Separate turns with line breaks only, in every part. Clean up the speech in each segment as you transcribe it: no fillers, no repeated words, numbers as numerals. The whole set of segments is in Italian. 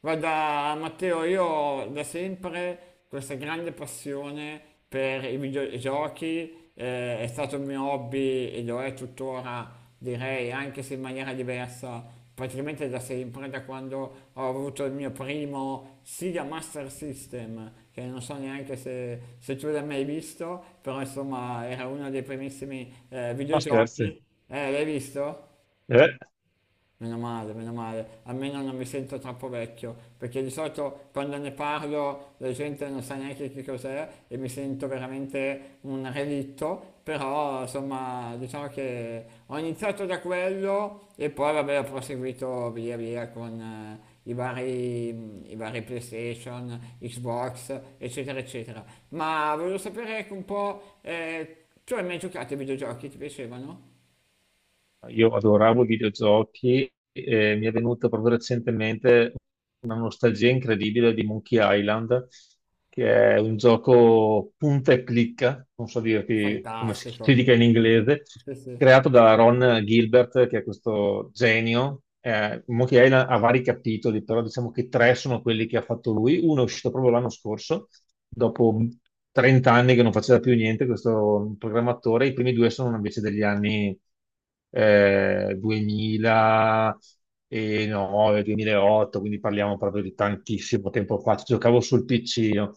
Guarda, Matteo, io ho da sempre questa grande passione per i videogiochi, è stato il mio hobby e lo è tuttora, direi, anche se in maniera diversa, praticamente da sempre, da quando ho avuto il mio primo Sega Master System, che non so neanche se tu l'hai mai visto, però insomma era uno dei primissimi
Ma scherzi.
videogiochi. L'hai visto?
Eh,
Meno male, almeno non mi sento troppo vecchio, perché di solito quando ne parlo la gente non sa neanche che cos'è e mi sento veramente un relitto, però insomma diciamo che ho iniziato da quello e poi vabbè ho proseguito via via con i vari PlayStation, Xbox, eccetera, eccetera. Ma volevo sapere anche un po', tu hai mai giocato ai videogiochi? Ti piacevano?
io adoravo i videogiochi e mi è venuta proprio recentemente una nostalgia incredibile di Monkey Island, che è un gioco punta e clicca, non so dirti come si
Fantastico,
dica in inglese,
sì sì,
creato da Ron Gilbert, che è questo genio. Monkey Island ha vari capitoli, però diciamo che tre sono quelli che ha fatto lui. Uno è uscito proprio l'anno scorso dopo 30 anni che non faceva più niente questo programmatore. I primi due sono invece degli anni 2009, 2008, quindi parliamo proprio di tantissimo tempo fa. Ci giocavo sul PC, io.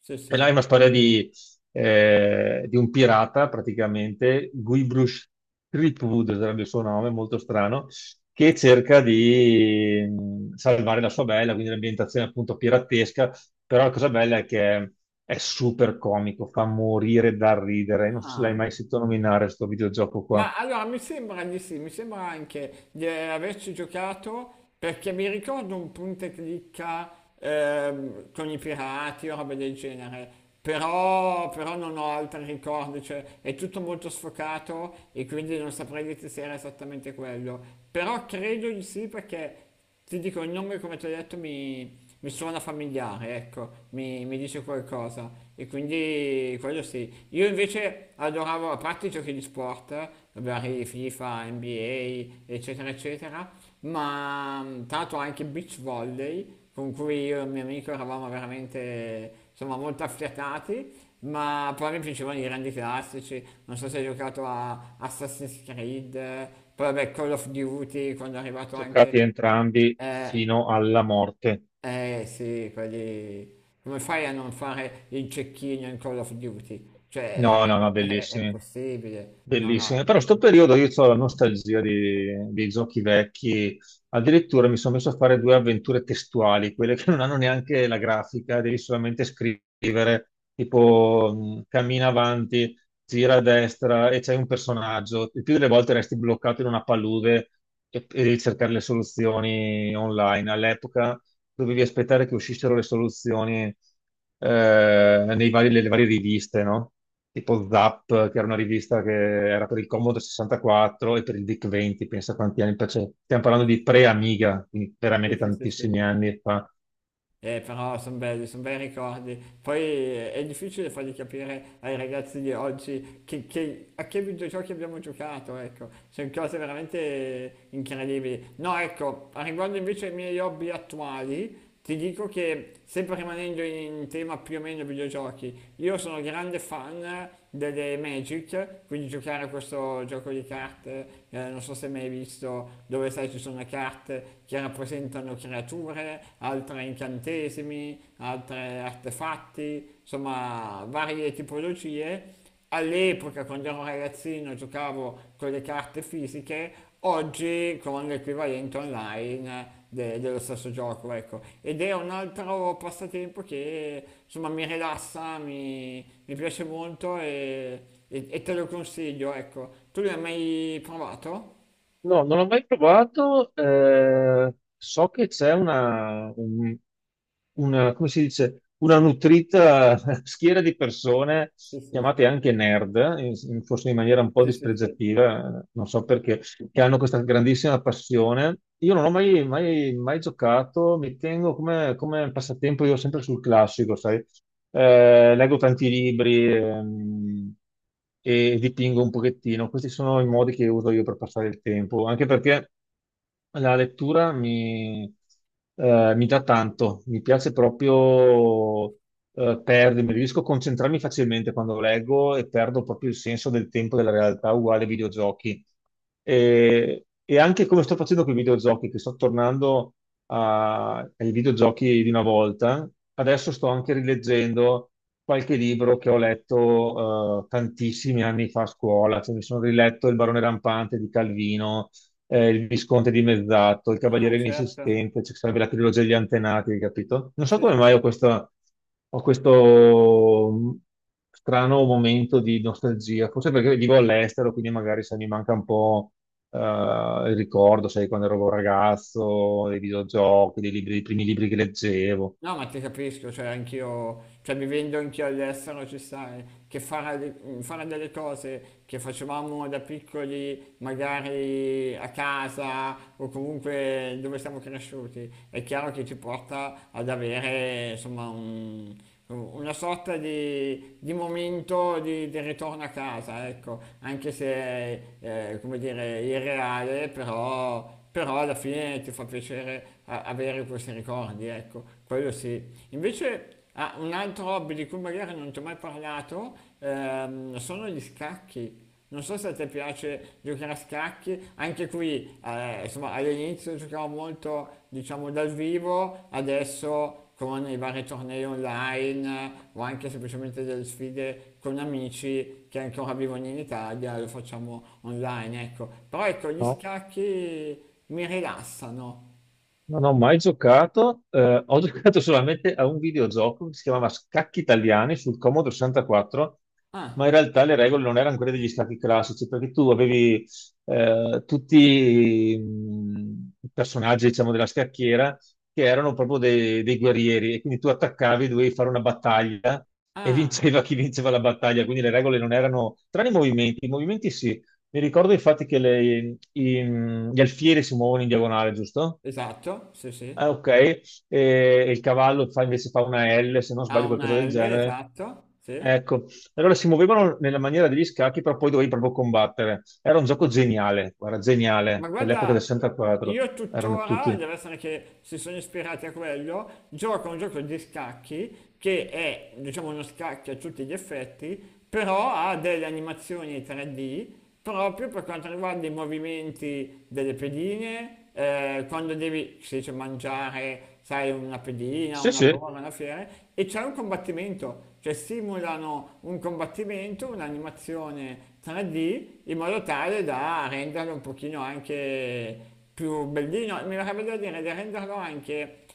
sì
E là
sì.
è una storia di un pirata praticamente. Guybrush Threepwood sarebbe il suo nome, molto strano, che cerca di salvare la sua bella, quindi l'ambientazione appunto piratesca, però la cosa bella è che è super comico, fa morire dal ridere. Non so se l'hai
Ah,
mai sentito nominare questo videogioco qua.
ma allora mi sembra di sì, mi sembra anche di averci giocato perché mi ricordo un punto e clicca con i pirati o roba del genere, però non ho altri ricordi, cioè è tutto molto sfocato e quindi non saprei dire se era esattamente quello, però credo di sì perché ti dico, il nome, come ti ho detto, mi suona familiare, ecco, mi dice qualcosa. E quindi quello sì. Io invece adoravo, a parte i giochi di sport, vari FIFA, NBA, eccetera, eccetera, ma tanto anche beach volley, con cui io e il mio amico eravamo veramente, insomma, molto affiatati. Ma poi mi piacevano i grandi classici, non so se hai giocato a Assassin's Creed, poi vabbè Call of Duty quando è arrivato anche
Giocati entrambi
eh,
fino alla morte.
eh sì, quelli... Come fai a non fare il cecchino in Call of Duty? Cioè,
No, no, no,
è
bellissimi.
impossibile. No,
Bellissime,
no.
però sto periodo io ho la nostalgia dei giochi vecchi, addirittura mi sono messo a fare due avventure testuali, quelle che non hanno neanche la grafica, devi solamente scrivere, tipo cammina avanti, gira a destra e c'è un personaggio. Il più delle volte resti bloccato in una palude e devi cercare le soluzioni online. All'epoca dovevi aspettare che uscissero le soluzioni nei nelle varie riviste, no? Tipo Zap, che era una rivista che era per il Commodore 64 e per il DIC 20, pensa quanti anni fa, cioè, stiamo parlando di pre-Amiga, quindi
Sì,
veramente
sì, sì, sì.
tantissimi anni fa.
Però sono belli, sono bei ricordi. Poi è difficile fargli capire ai ragazzi di oggi a che videogiochi abbiamo giocato, ecco. Sono cose veramente incredibili. No, ecco, a riguardo invece ai miei hobby attuali, ti dico che, sempre rimanendo in tema più o meno videogiochi, io sono grande fan delle Magic, quindi giocare a questo gioco di carte, non so se mai hai visto, dove sai ci sono le carte che rappresentano creature, altre incantesimi, altre artefatti, insomma varie tipologie. All'epoca, quando ero ragazzino, giocavo con le carte fisiche, oggi con l'equivalente online dello stesso gioco, ecco. Ed è un altro passatempo che insomma mi rilassa, mi piace molto e te lo consiglio, ecco. Tu l'hai mai provato?
No, non l'ho mai provato. So che c'è come si dice, una nutrita schiera di persone
Sì, sì,
chiamate anche nerd, forse in maniera un po'
sì, sì, sì.
dispregiativa, non so perché, che hanno questa grandissima passione. Io non ho mai, mai giocato, mi tengo come, come passatempo io sempre sul classico, sai? Leggo tanti libri e dipingo un pochettino. Questi sono i modi che uso io per passare il tempo, anche perché la lettura mi dà tanto, mi piace proprio perdermi, riesco a concentrarmi facilmente quando leggo e perdo proprio il senso del tempo della realtà, uguale ai videogiochi. E anche come sto facendo con i videogiochi, che sto tornando ai videogiochi di una volta, adesso sto anche rileggendo qualche libro che ho letto tantissimi anni fa a scuola, cioè mi sono riletto Il barone rampante di Calvino, il Visconte dimezzato, il
Ah,
Cavaliere
certo.
inesistente, cioè sarebbe la trilogia degli antenati, capito? Non so
Sì,
come
sì,
mai
sì.
ho, ho questo strano momento di nostalgia, forse perché vivo all'estero, quindi magari se mi manca un po' eh, il ricordo, sai, quando ero un ragazzo, dei videogiochi, dei dei primi libri che leggevo,
No, ma ti capisco, cioè anch'io, cioè vivendo anch'io all'estero ci sai, che fare, fare delle cose che facevamo da piccoli, magari a casa o comunque dove siamo cresciuti, è chiaro che ci porta ad avere insomma una sorta di momento di ritorno a casa, ecco, anche se come dire, irreale, però alla fine ti fa piacere avere questi ricordi, ecco, quello sì. Invece ah, un altro hobby di cui magari non ti ho mai parlato sono gli scacchi. Non so se a te piace giocare a scacchi, anche qui insomma all'inizio giocavo molto diciamo dal vivo, adesso con i vari tornei online o anche semplicemente delle sfide con amici che ancora vivono in Italia, lo facciamo online, ecco. Però ecco, gli
no?
scacchi mi rilassano.
Non ho mai giocato, ho giocato solamente a un videogioco che si chiamava Scacchi Italiani sul Commodore 64, ma in
Ah,
realtà le regole non erano quelle degli scacchi classici, perché tu avevi tutti i personaggi, diciamo, della scacchiera che erano proprio dei guerrieri e quindi tu attaccavi, dovevi fare una battaglia e
ah,
vinceva chi vinceva la battaglia, quindi le regole non erano, tranne i movimenti sì. Mi ricordo infatti che gli alfieri si muovono in diagonale, giusto?
esatto, sì,
Ah,
sì.
ok, e il cavallo fa, invece fa una L, se non
Ha
sbaglio qualcosa
una
del
L,
genere.
esatto, sì.
Ecco, allora si muovevano nella maniera degli scacchi, però poi dovevi proprio combattere. Era un gioco geniale, guarda,
Ma
geniale, dell'epoca
guarda,
del 64.
io
Erano
tuttora,
tutti.
deve essere che si sono ispirati a quello, gioco a un gioco di scacchi che è, diciamo, uno scacchi a tutti gli effetti, però ha delle animazioni 3D proprio per quanto riguarda i movimenti delle pedine, quando devi, si dice, mangiare, sai, una pedina,
Sì,
una
sì,
torre, una fiera, e c'è un combattimento, cioè simulano un combattimento, un'animazione 3D, in modo tale da renderlo un pochino anche più bellino, mi verrebbe da dire di renderlo anche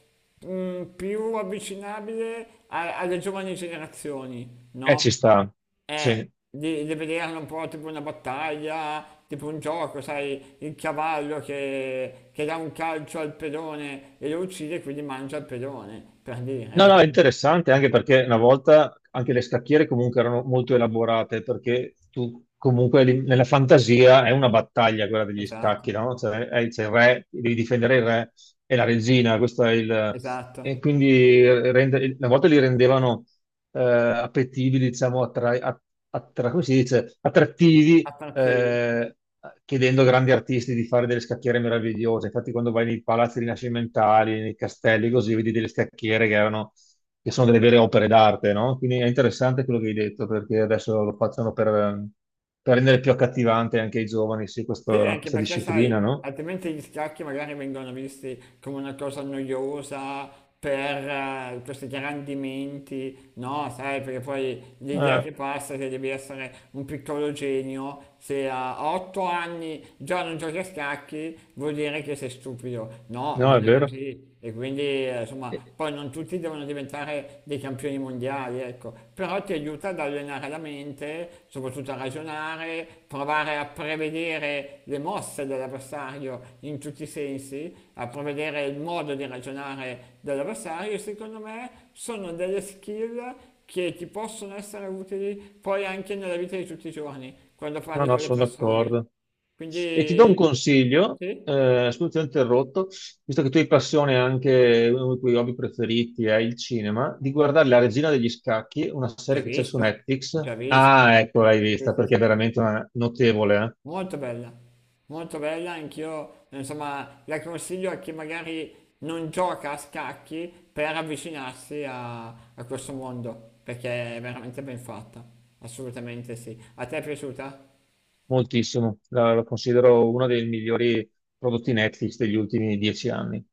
più avvicinabile alle giovani generazioni, no?
ci sta. Sì.
Di vederlo un po' tipo una battaglia, tipo un gioco, sai, il cavallo che dà un calcio al pedone e lo uccide e quindi mangia il pedone, per dire,
No, no, è
ecco,
interessante anche perché una volta anche le scacchiere comunque erano molto elaborate perché tu comunque nella fantasia è una battaglia quella degli
esatto,
scacchi, no? Cioè, c'è il re, devi difendere il re e la regina, questo è il... E
esatto,
quindi una volta li rendevano appetibili, diciamo, come si dice? Attrattivi,
attrattivi.
chiedendo a grandi artisti di fare delle scacchiere meravigliose. Infatti, quando vai nei palazzi rinascimentali, nei castelli, così vedi delle scacchiere che erano, che sono delle vere opere d'arte, no? Quindi è interessante quello che hai detto, perché adesso lo facciano per rendere più accattivante anche ai giovani, sì,
Sì,
questa,
anche
questa
perché sai,
disciplina, no?
altrimenti gli scacchi magari vengono visti come una cosa noiosa per questi grandimenti, no? Sai, perché poi l'idea
Eh,
che passa è che devi essere un piccolo genio, se a 8 anni già non giochi a scacchi vuol dire che sei stupido, no,
no, è
non è
vero.
così, e quindi, insomma, poi non tutti devono diventare dei campioni mondiali, ecco, però ti aiuta ad allenare la mente, soprattutto a ragionare, provare a prevedere le mosse dell'avversario in tutti i sensi, a prevedere il modo di ragionare dell'avversario. Secondo me sono delle skill che ti possono essere utili poi anche nella vita di tutti i giorni, quando
No,
parli
no,
con Sono
sono
le assolutamente... persone.
d'accordo. E ti do un
Quindi,
consiglio,
sì,
scusa, ti ho interrotto, visto che tu hai passione anche, uno dei tuoi hobby preferiti è il cinema, di guardare La Regina degli Scacchi, una
già
serie che c'è su
visto,
Netflix.
già visto.
Ah, ecco, l'hai
Sì,
vista,
sì,
perché è
sì, sì. Sì.
veramente una- notevole, eh?
Molto bella, molto bella, anch'io, insomma, la consiglio a chi magari non gioca a scacchi per avvicinarsi a questo mondo, perché è veramente ben fatta, assolutamente sì. A te è piaciuta?
Moltissimo. La, la considero uno dei migliori prodotti Netflix degli ultimi 10 anni.